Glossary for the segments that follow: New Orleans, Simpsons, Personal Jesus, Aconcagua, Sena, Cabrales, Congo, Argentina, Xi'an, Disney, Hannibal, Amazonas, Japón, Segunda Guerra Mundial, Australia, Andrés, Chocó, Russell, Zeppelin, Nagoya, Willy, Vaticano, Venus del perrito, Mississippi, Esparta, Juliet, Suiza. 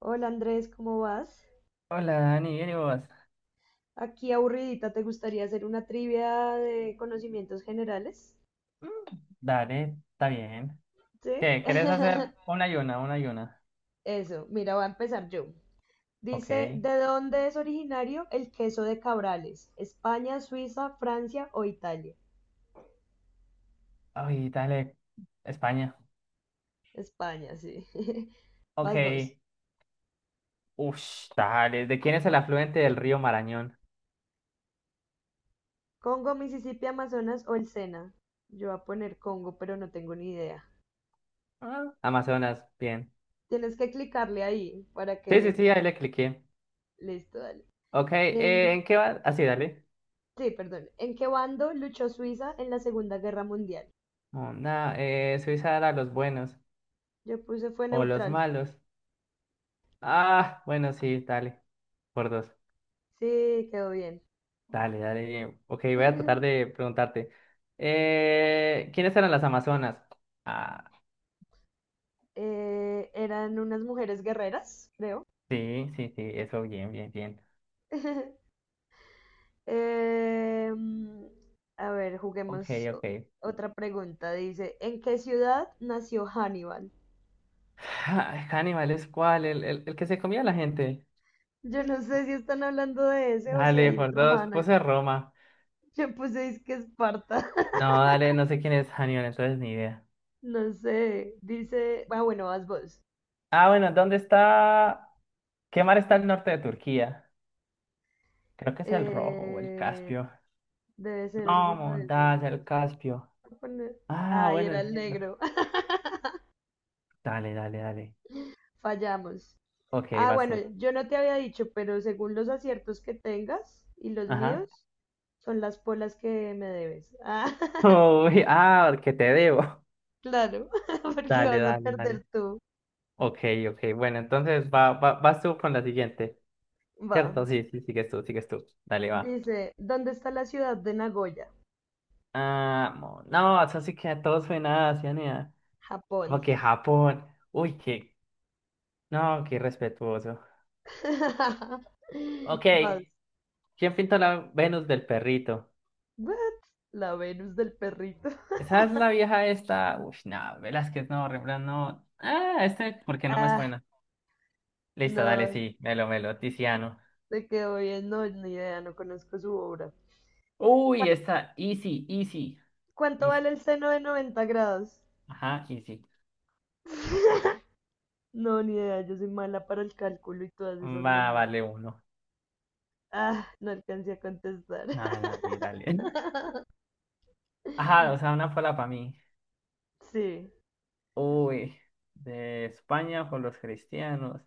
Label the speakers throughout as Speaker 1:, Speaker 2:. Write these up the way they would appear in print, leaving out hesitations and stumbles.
Speaker 1: Hola Andrés, ¿cómo vas?
Speaker 2: Hola Dani, ¿bien y vos?
Speaker 1: Aquí aburridita, ¿te gustaría hacer una trivia de conocimientos generales?
Speaker 2: Mm. Dale, está bien.
Speaker 1: ¿Sí?
Speaker 2: ¿Qué? ¿Querés hacer una y una, una y una?
Speaker 1: Eso, mira, voy a empezar yo. Dice,
Speaker 2: Ok.
Speaker 1: ¿de dónde es originario el queso de Cabrales? ¿España, Suiza, Francia o Italia?
Speaker 2: Ay, dale, España.
Speaker 1: España, sí.
Speaker 2: Ok.
Speaker 1: Vas vos.
Speaker 2: Ush, dale. ¿De quién es el afluente del río Marañón?
Speaker 1: ¿Congo, Mississippi, Amazonas o el Sena? Yo voy a poner Congo, pero no tengo ni idea.
Speaker 2: Ah, Amazonas, bien.
Speaker 1: Tienes que clicarle ahí para
Speaker 2: Sí, sí,
Speaker 1: que...
Speaker 2: sí, ahí le cliqué.
Speaker 1: Listo, dale.
Speaker 2: Ok,
Speaker 1: Eh,
Speaker 2: ¿en qué va? Así, dale.
Speaker 1: Sí, perdón. ¿En qué bando luchó Suiza en la Segunda Guerra Mundial?
Speaker 2: Onda, Suiza era los buenos
Speaker 1: Yo puse fue
Speaker 2: o los
Speaker 1: neutral.
Speaker 2: malos. Ah, bueno, sí, dale, por dos.
Speaker 1: Sí, quedó bien.
Speaker 2: Dale, dale. Ok, voy a tratar de preguntarte. ¿Quiénes eran las Amazonas? Ah,
Speaker 1: Eran unas mujeres guerreras, creo.
Speaker 2: sí, sí, sí, eso, bien, bien, bien.
Speaker 1: Em, a ver,
Speaker 2: Ok, ok.
Speaker 1: otra pregunta. Dice, ¿en qué ciudad nació Hannibal?
Speaker 2: Ah, Hannibal es cuál, el que se comía a la gente.
Speaker 1: Yo no sé si están hablando de ese o si
Speaker 2: Dale,
Speaker 1: hay
Speaker 2: por
Speaker 1: otro
Speaker 2: dos,
Speaker 1: Hannah.
Speaker 2: puse Roma.
Speaker 1: Yo puse es que Esparta.
Speaker 2: No, dale, no sé quién es Hannibal, entonces ni idea.
Speaker 1: No sé. Dice, ah, bueno, vas vos.
Speaker 2: Ah, bueno, ¿dónde está? ¿Qué mar está al norte de Turquía? Creo que es el Rojo o el
Speaker 1: Eh,
Speaker 2: Caspio.
Speaker 1: Debe ser
Speaker 2: No,
Speaker 1: alguno de esos
Speaker 2: montaña,
Speaker 1: dos.
Speaker 2: el Caspio.
Speaker 1: Voy a poner-
Speaker 2: Ah,
Speaker 1: Ay,
Speaker 2: bueno,
Speaker 1: era
Speaker 2: el
Speaker 1: el
Speaker 2: negro.
Speaker 1: negro.
Speaker 2: Dale, dale, dale.
Speaker 1: Fallamos.
Speaker 2: Ok,
Speaker 1: Ah,
Speaker 2: vas
Speaker 1: bueno,
Speaker 2: tú.
Speaker 1: yo no te había dicho, pero según los aciertos que tengas y los
Speaker 2: Ajá.
Speaker 1: míos, son las polas que me debes. Ah,
Speaker 2: Uy, ah, que te debo.
Speaker 1: claro, porque
Speaker 2: Dale,
Speaker 1: vas a
Speaker 2: dale, dale.
Speaker 1: perder tú.
Speaker 2: Ok, ok. Bueno, entonces vas tú con la siguiente.
Speaker 1: Va.
Speaker 2: ¿Cierto? Sí, sí, sigues tú, sigues tú. Dale, va.
Speaker 1: Dice, ¿dónde está la ciudad de Nagoya?
Speaker 2: Ah, no, eso sí que a todos suena a Asia, ni a- Como
Speaker 1: Japón.
Speaker 2: que Japón. Uy, qué. No, qué respetuoso. Ok.
Speaker 1: Vas.
Speaker 2: ¿Quién pintó la Venus del perrito?
Speaker 1: What? La Venus del perrito.
Speaker 2: Esa es la vieja esta. Uy, no, Velázquez no, Rembrandt no. Ah, ¿por qué no me
Speaker 1: Ah,
Speaker 2: suena? Listo, dale,
Speaker 1: no,
Speaker 2: sí. Melo, melo. Tiziano.
Speaker 1: te quedó bien. No, ni idea, no conozco su obra.
Speaker 2: Uy, esta. Easy, easy.
Speaker 1: ¿Cuánto
Speaker 2: Easy.
Speaker 1: vale el seno de 90 grados?
Speaker 2: Ajá, easy.
Speaker 1: No, ni idea, yo soy mala para el cálculo y todas esas
Speaker 2: Va,
Speaker 1: monedas.
Speaker 2: vale uno.
Speaker 1: Ah, no alcancé a contestar.
Speaker 2: Nada, nada, sí, dale. Ajá, o sea, una sola para mí.
Speaker 1: Sí.
Speaker 2: Uy, de España con los cristianos.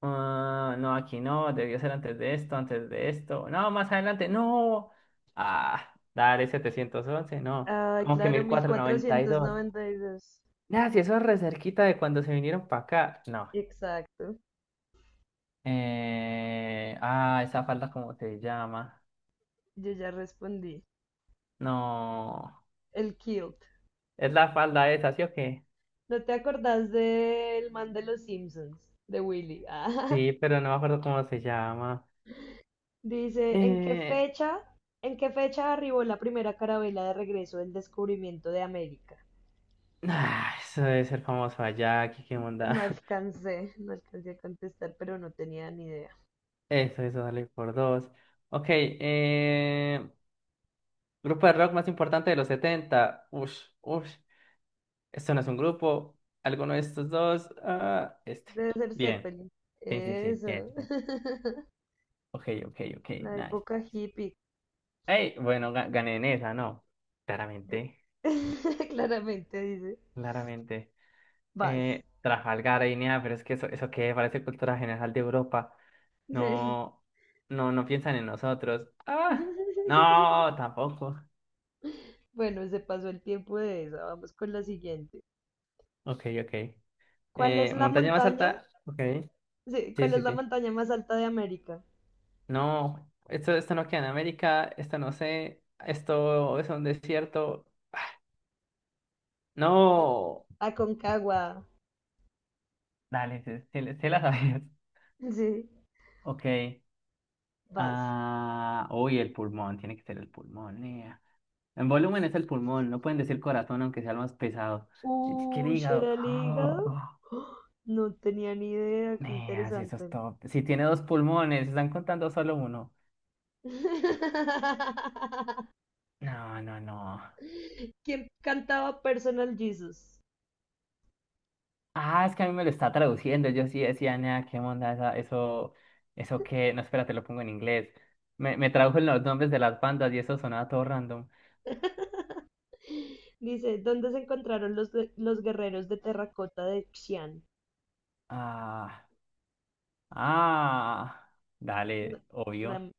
Speaker 2: Ah, no, aquí no, debió ser antes de esto, antes de esto. No, más adelante, no. Ah, dale 711, no.
Speaker 1: Ay,
Speaker 2: Como que
Speaker 1: claro,
Speaker 2: mil
Speaker 1: mil
Speaker 2: cuatrocientos noventa y
Speaker 1: cuatrocientos
Speaker 2: dos,
Speaker 1: noventa y dos.
Speaker 2: Nada, si eso es re cerquita de cuando se vinieron para acá. No.
Speaker 1: Exacto.
Speaker 2: Esa falda, ¿cómo se llama?
Speaker 1: Yo ya respondí.
Speaker 2: No.
Speaker 1: El kilt.
Speaker 2: Es la falda esa, ¿sí o qué?
Speaker 1: ¿No te acordás del man de los Simpsons? De Willy. Ah,
Speaker 2: Sí, pero no me acuerdo cómo se llama.
Speaker 1: dice,
Speaker 2: Eh,
Speaker 1: ¿en qué fecha arribó la primera carabela de regreso del descubrimiento de América?
Speaker 2: Eso debe ser famoso allá, aquí qué onda.
Speaker 1: No alcancé a contestar, pero no tenía ni idea.
Speaker 2: Eso, dale por dos. Ok, grupo de rock más importante de los 70. Ush, ush. Esto no es un grupo. ¿Alguno de estos dos? Ah, este.
Speaker 1: Debe ser
Speaker 2: Bien.
Speaker 1: Zeppelin.
Speaker 2: Sí, sí, sí,
Speaker 1: Eso.
Speaker 2: bien, bien. Ok, ok, ok, nice,
Speaker 1: La
Speaker 2: nice.
Speaker 1: época hippie.
Speaker 2: Hey, bueno, gané en esa, ¿no?
Speaker 1: G-
Speaker 2: Claramente,
Speaker 1: Claramente dice.
Speaker 2: claramente.
Speaker 1: Vas.
Speaker 2: Trafalgar, Guinea, pero es que eso que parece cultura general de Europa.
Speaker 1: Sí.
Speaker 2: No, no, no piensan en nosotros. Ah, no, tampoco.
Speaker 1: Bueno, se pasó el tiempo de esa. Vamos con la siguiente.
Speaker 2: Ok, ok.
Speaker 1: ¿Cuál es la
Speaker 2: Montaña más
Speaker 1: montaña?
Speaker 2: alta. Ok.
Speaker 1: Sí,
Speaker 2: Sí,
Speaker 1: ¿cuál es
Speaker 2: sí,
Speaker 1: la
Speaker 2: sí.
Speaker 1: montaña más alta de América?
Speaker 2: No, esto no queda en América. Esto no sé. Esto es un desierto. No.
Speaker 1: Aconcagua.
Speaker 2: Dale, se la sabes.
Speaker 1: Sí,
Speaker 2: Ok.
Speaker 1: vas.
Speaker 2: Ah, uy, el pulmón. Tiene que ser el pulmón, nea. En volumen es el pulmón. No pueden decir corazón, aunque sea el más pesado. Es que el
Speaker 1: Uy,
Speaker 2: hígado.
Speaker 1: ¿era el hígado?
Speaker 2: Ah.
Speaker 1: ¡Oh! No tenía ni idea, qué
Speaker 2: Así eso es
Speaker 1: interesante.
Speaker 2: todo. Si tiene dos pulmones, si están contando solo uno. No, no, no.
Speaker 1: ¿Quién cantaba Personal Jesus?
Speaker 2: Ah, es que a mí me lo está traduciendo. Yo sí decía, nada, qué onda, eso, eso que. No, espérate, lo pongo en inglés. Me tradujo los nombres de las bandas y eso sonaba todo random.
Speaker 1: Dice, ¿dónde se encontraron los guerreros de terracota de Xi'an?
Speaker 2: Ah, ah.
Speaker 1: No,
Speaker 2: Dale,
Speaker 1: La,
Speaker 2: obvio.
Speaker 1: em-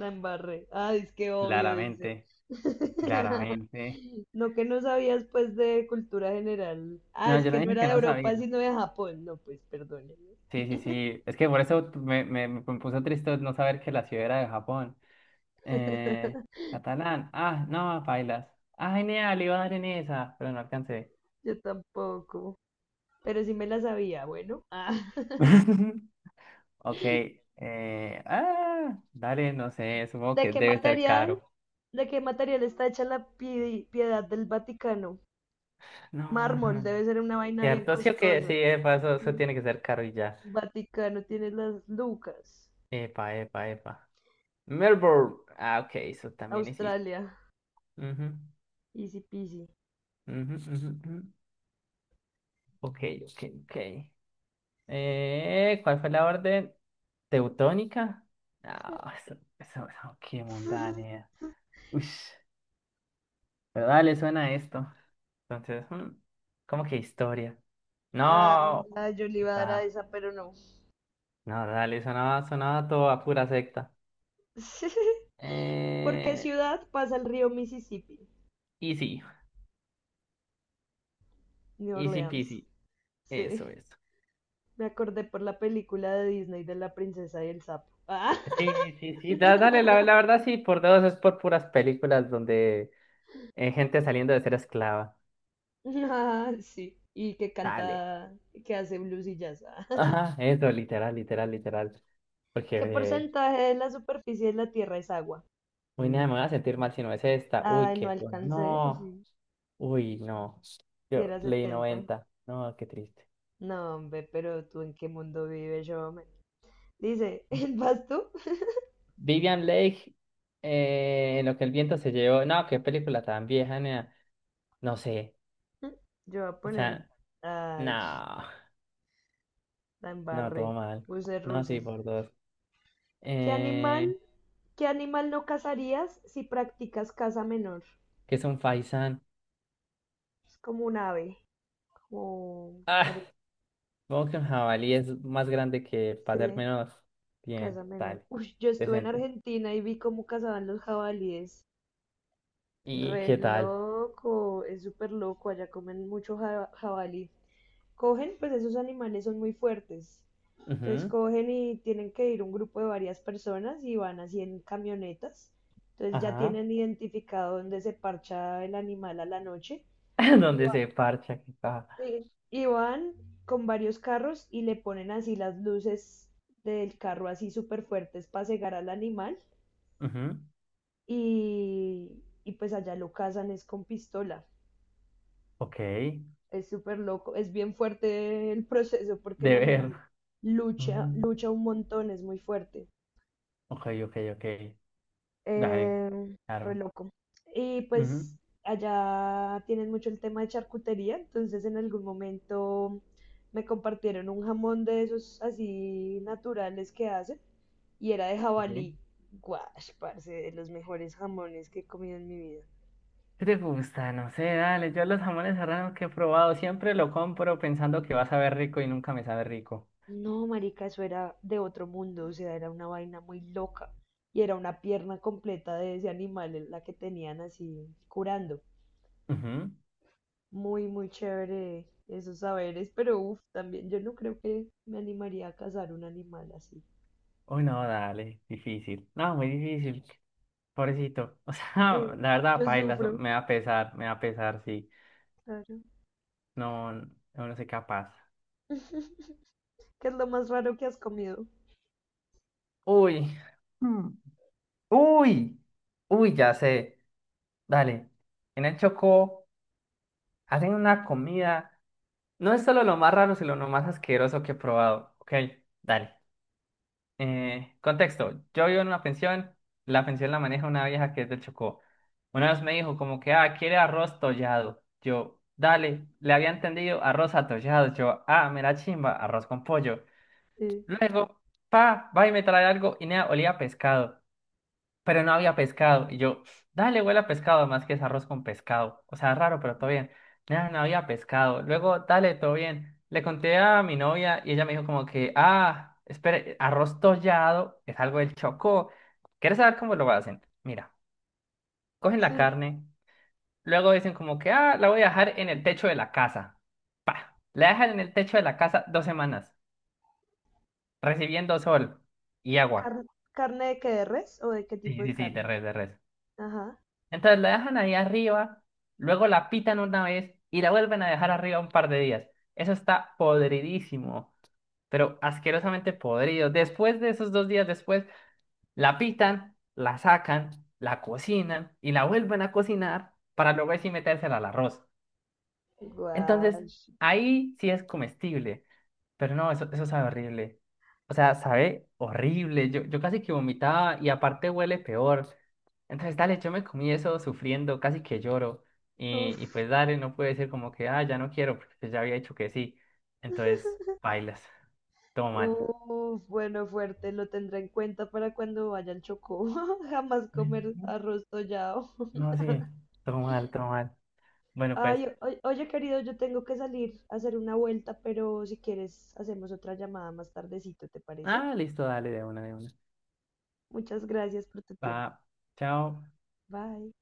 Speaker 1: la embarré. Ah, es que obvio, dice.
Speaker 2: Claramente, claramente.
Speaker 1: No que no sabías pues de cultura general. Ah,
Speaker 2: No,
Speaker 1: es
Speaker 2: yo no
Speaker 1: que no
Speaker 2: dije
Speaker 1: era
Speaker 2: que
Speaker 1: de
Speaker 2: no sabía.
Speaker 1: Europa, sino de Japón. No, pues perdónenme.
Speaker 2: Sí, sí, sí. Es que por eso me puso triste no saber que la ciudad era de Japón. Eh, Catalán. Ah, no, bailas. Ah, genial, iba a dar en esa, pero no alcancé.
Speaker 1: Yo tampoco. Pero sí me la sabía, bueno. Ah.
Speaker 2: Ok. Dale, no sé, supongo
Speaker 1: ¿De
Speaker 2: que
Speaker 1: qué
Speaker 2: debe ser
Speaker 1: material,
Speaker 2: caro.
Speaker 1: ¿de qué material está hecha la piedad del Vaticano?
Speaker 2: No,
Speaker 1: Mármol,
Speaker 2: no.
Speaker 1: debe ser una vaina bien
Speaker 2: Cierto, sí o que sí,
Speaker 1: costosa.
Speaker 2: epa, eso
Speaker 1: Sí.
Speaker 2: tiene que ser caro y ya.
Speaker 1: Vaticano tiene las lucas.
Speaker 2: Epa, epa, epa. Melbourne. Ah, ok, eso también existe.
Speaker 1: Australia,
Speaker 2: Ujú,
Speaker 1: easy peasy.
Speaker 2: ujú, ujú, ujú. Ok, ok, ok. ¿Cuál fue la orden? ¿Teutónica? No, qué mundane. Uy, ¿verdad? Le suena esto. Entonces, ¿cómo que historia?
Speaker 1: Ah,
Speaker 2: No,
Speaker 1: ah, yo le
Speaker 2: sí,
Speaker 1: iba a dar a
Speaker 2: va.
Speaker 1: esa, pero no.
Speaker 2: No, dale, sonaba, sonaba todo a pura secta.
Speaker 1: ¿Por qué
Speaker 2: Eh,
Speaker 1: ciudad pasa el río Mississippi?
Speaker 2: Easy,
Speaker 1: New
Speaker 2: easy
Speaker 1: Orleans.
Speaker 2: peasy. Eso
Speaker 1: Sí,
Speaker 2: es.
Speaker 1: me acordé por la película de Disney de la princesa y el sapo. Ah.
Speaker 2: Sí, sí, sí, dale, la verdad sí, por dos es por puras películas donde gente saliendo de ser esclava.
Speaker 1: Ah, sí. Y que
Speaker 2: Dale.
Speaker 1: canta, que hace blues y jazz.
Speaker 2: Ajá, eso, literal, literal, literal. Porque,
Speaker 1: ¿Qué
Speaker 2: eh,
Speaker 1: porcentaje de la superficie de la Tierra es agua?
Speaker 2: uy, nada, me voy a sentir mal si no es esta. Uy,
Speaker 1: Ay, no
Speaker 2: qué bueno.
Speaker 1: alcancé, o
Speaker 2: No.
Speaker 1: sí,
Speaker 2: Uy, no.
Speaker 1: si
Speaker 2: Yo
Speaker 1: era
Speaker 2: leí
Speaker 1: 70.
Speaker 2: 90. No, qué triste.
Speaker 1: No, hombre, ¿pero tú en qué mundo vives, yo, hombre? Dice, ¿vas tú?
Speaker 2: Vivian Lake, en lo que el viento se llevó. No, qué película tan vieja, nea. No sé.
Speaker 1: Yo voy a
Speaker 2: O
Speaker 1: poner,
Speaker 2: sea,
Speaker 1: ay, sh-
Speaker 2: no.
Speaker 1: la
Speaker 2: No,
Speaker 1: embarré.
Speaker 2: todo mal.
Speaker 1: Puse
Speaker 2: No, sí,
Speaker 1: Russell.
Speaker 2: por dos.
Speaker 1: ¿Qué animal,
Speaker 2: Eh,
Speaker 1: ¿qué animal no cazarías si practicas caza menor?
Speaker 2: que es un faisán.
Speaker 1: Es como un ave, como
Speaker 2: Ah,
Speaker 1: parece.
Speaker 2: supongo que un jabalí es más grande que para ser menos. Bien,
Speaker 1: Caza menor.
Speaker 2: tal.
Speaker 1: Uy, yo estuve en
Speaker 2: Decente.
Speaker 1: Argentina y vi cómo cazaban los jabalíes.
Speaker 2: ¿Y
Speaker 1: Re
Speaker 2: qué tal?
Speaker 1: loco, es súper loco. Allá comen mucho jabalí. Cogen, pues esos animales son muy fuertes. Entonces
Speaker 2: Ujú.
Speaker 1: cogen y tienen que ir un grupo de varias personas y van así en camionetas. Entonces ya
Speaker 2: Ajá.
Speaker 1: tienen identificado dónde se parcha el animal a la noche.
Speaker 2: Donde se parcha, qué caja.
Speaker 1: Sí. Y van con varios carros y le ponen así las luces del carro así súper fuertes para cegar al animal
Speaker 2: Ujú.
Speaker 1: y pues allá lo cazan es con pistola.
Speaker 2: Ok.
Speaker 1: Es súper loco, es bien fuerte el proceso porque el
Speaker 2: De ver.
Speaker 1: animal
Speaker 2: Mm.
Speaker 1: lucha un montón, es muy fuerte.
Speaker 2: Ok, ok, ok. Dale,
Speaker 1: Eh, re
Speaker 2: claro.
Speaker 1: loco. Y
Speaker 2: Ujú,
Speaker 1: pues allá tienen mucho el tema de charcutería, entonces en algún momento me compartieron un jamón de esos así naturales que hacen y era de
Speaker 2: sí,
Speaker 1: jabalí.
Speaker 2: sí.
Speaker 1: Guash, parce, de los mejores jamones que he comido en mi vida.
Speaker 2: ¿Qué te gusta? No sé, dale. Yo los jamones serranos que he probado siempre lo compro pensando que va a saber rico y nunca me sabe rico.
Speaker 1: No, marica, eso era de otro mundo, o sea, era una vaina muy loca. Y era una pierna completa de ese animal en la que tenían así curando.
Speaker 2: Ujú.
Speaker 1: Muy chévere esos saberes, pero uff, también yo no creo que me animaría a cazar un animal así.
Speaker 2: Uy, no, dale. Difícil. No, muy difícil. Pobrecito. O
Speaker 1: Sí,
Speaker 2: sea, la verdad,
Speaker 1: yo
Speaker 2: paila,
Speaker 1: sufro,
Speaker 2: me va a pesar, me va a pesar, sí.
Speaker 1: claro.
Speaker 2: No, no, no soy capaz.
Speaker 1: ¿Qué es lo más raro que has comido?
Speaker 2: Uy. Mm. Uy. Uy, ya sé. Dale. En el Chocó hacen una comida. No es solo lo más raro, sino lo más asqueroso que he probado. Ok, dale. Contexto. Yo vivo en una pensión. La pensión la maneja una vieja que es del Chocó. Una vez me dijo como que, ah, quiere arroz tollado. Yo, dale. Le había entendido arroz atollado. Yo, ah, me la chimba, arroz con pollo.
Speaker 1: Sí,
Speaker 2: Luego, pa, va y me trae algo y nada, olía a pescado pero no había pescado. Y yo, dale, huele a pescado, más que es arroz con pescado. O sea, raro, pero todo bien. No, no había pescado. Luego, dale, todo bien. Le conté a mi novia y ella me dijo como que, ah, espere, arroz tollado es algo del Chocó. ¿Quieres saber cómo lo hacen? Mira, cogen la
Speaker 1: sí.
Speaker 2: carne, luego dicen como que, ah, la voy a dejar en el techo de la casa. La dejan en el techo de la casa 2 semanas, recibiendo sol y agua.
Speaker 1: Car- ¿Carne de qué, de res o de qué
Speaker 2: Sí,
Speaker 1: tipo de
Speaker 2: sí, sí, de
Speaker 1: carne?
Speaker 2: res, de res.
Speaker 1: Ajá.
Speaker 2: Entonces la dejan ahí arriba, luego la pitan una vez y la vuelven a dejar arriba un par de días. Eso está podridísimo, pero asquerosamente podrido. Después de esos 2 días después, la pitan, la sacan, la cocinan y la vuelven a cocinar para luego así metérsela al arroz. Entonces,
Speaker 1: Guau.
Speaker 2: ahí sí es comestible. Pero no, eso sabe horrible. O sea, sabe horrible. Yo casi que vomitaba y aparte huele peor. Entonces, dale, yo me comí eso sufriendo, casi que lloro. Y
Speaker 1: Uf.
Speaker 2: pues dale, no puede ser como que, ah, ya no quiero, porque pues ya había dicho que sí. Entonces, bailas. Todo mal.
Speaker 1: Uf, bueno, fuerte, lo tendré en cuenta para cuando vaya al Chocó. Jamás comer
Speaker 2: Ujú.
Speaker 1: arroz tollado.
Speaker 2: No, sí, todo mal, todo mal. Bueno, pues,
Speaker 1: Ay, oye, querido, yo tengo que salir a hacer una vuelta, pero si quieres, hacemos otra llamada más tardecito, ¿te parece?
Speaker 2: ah, listo, dale, de una, de una.
Speaker 1: Muchas gracias por tu
Speaker 2: Va,
Speaker 1: tiempo.
Speaker 2: chao.
Speaker 1: Bye.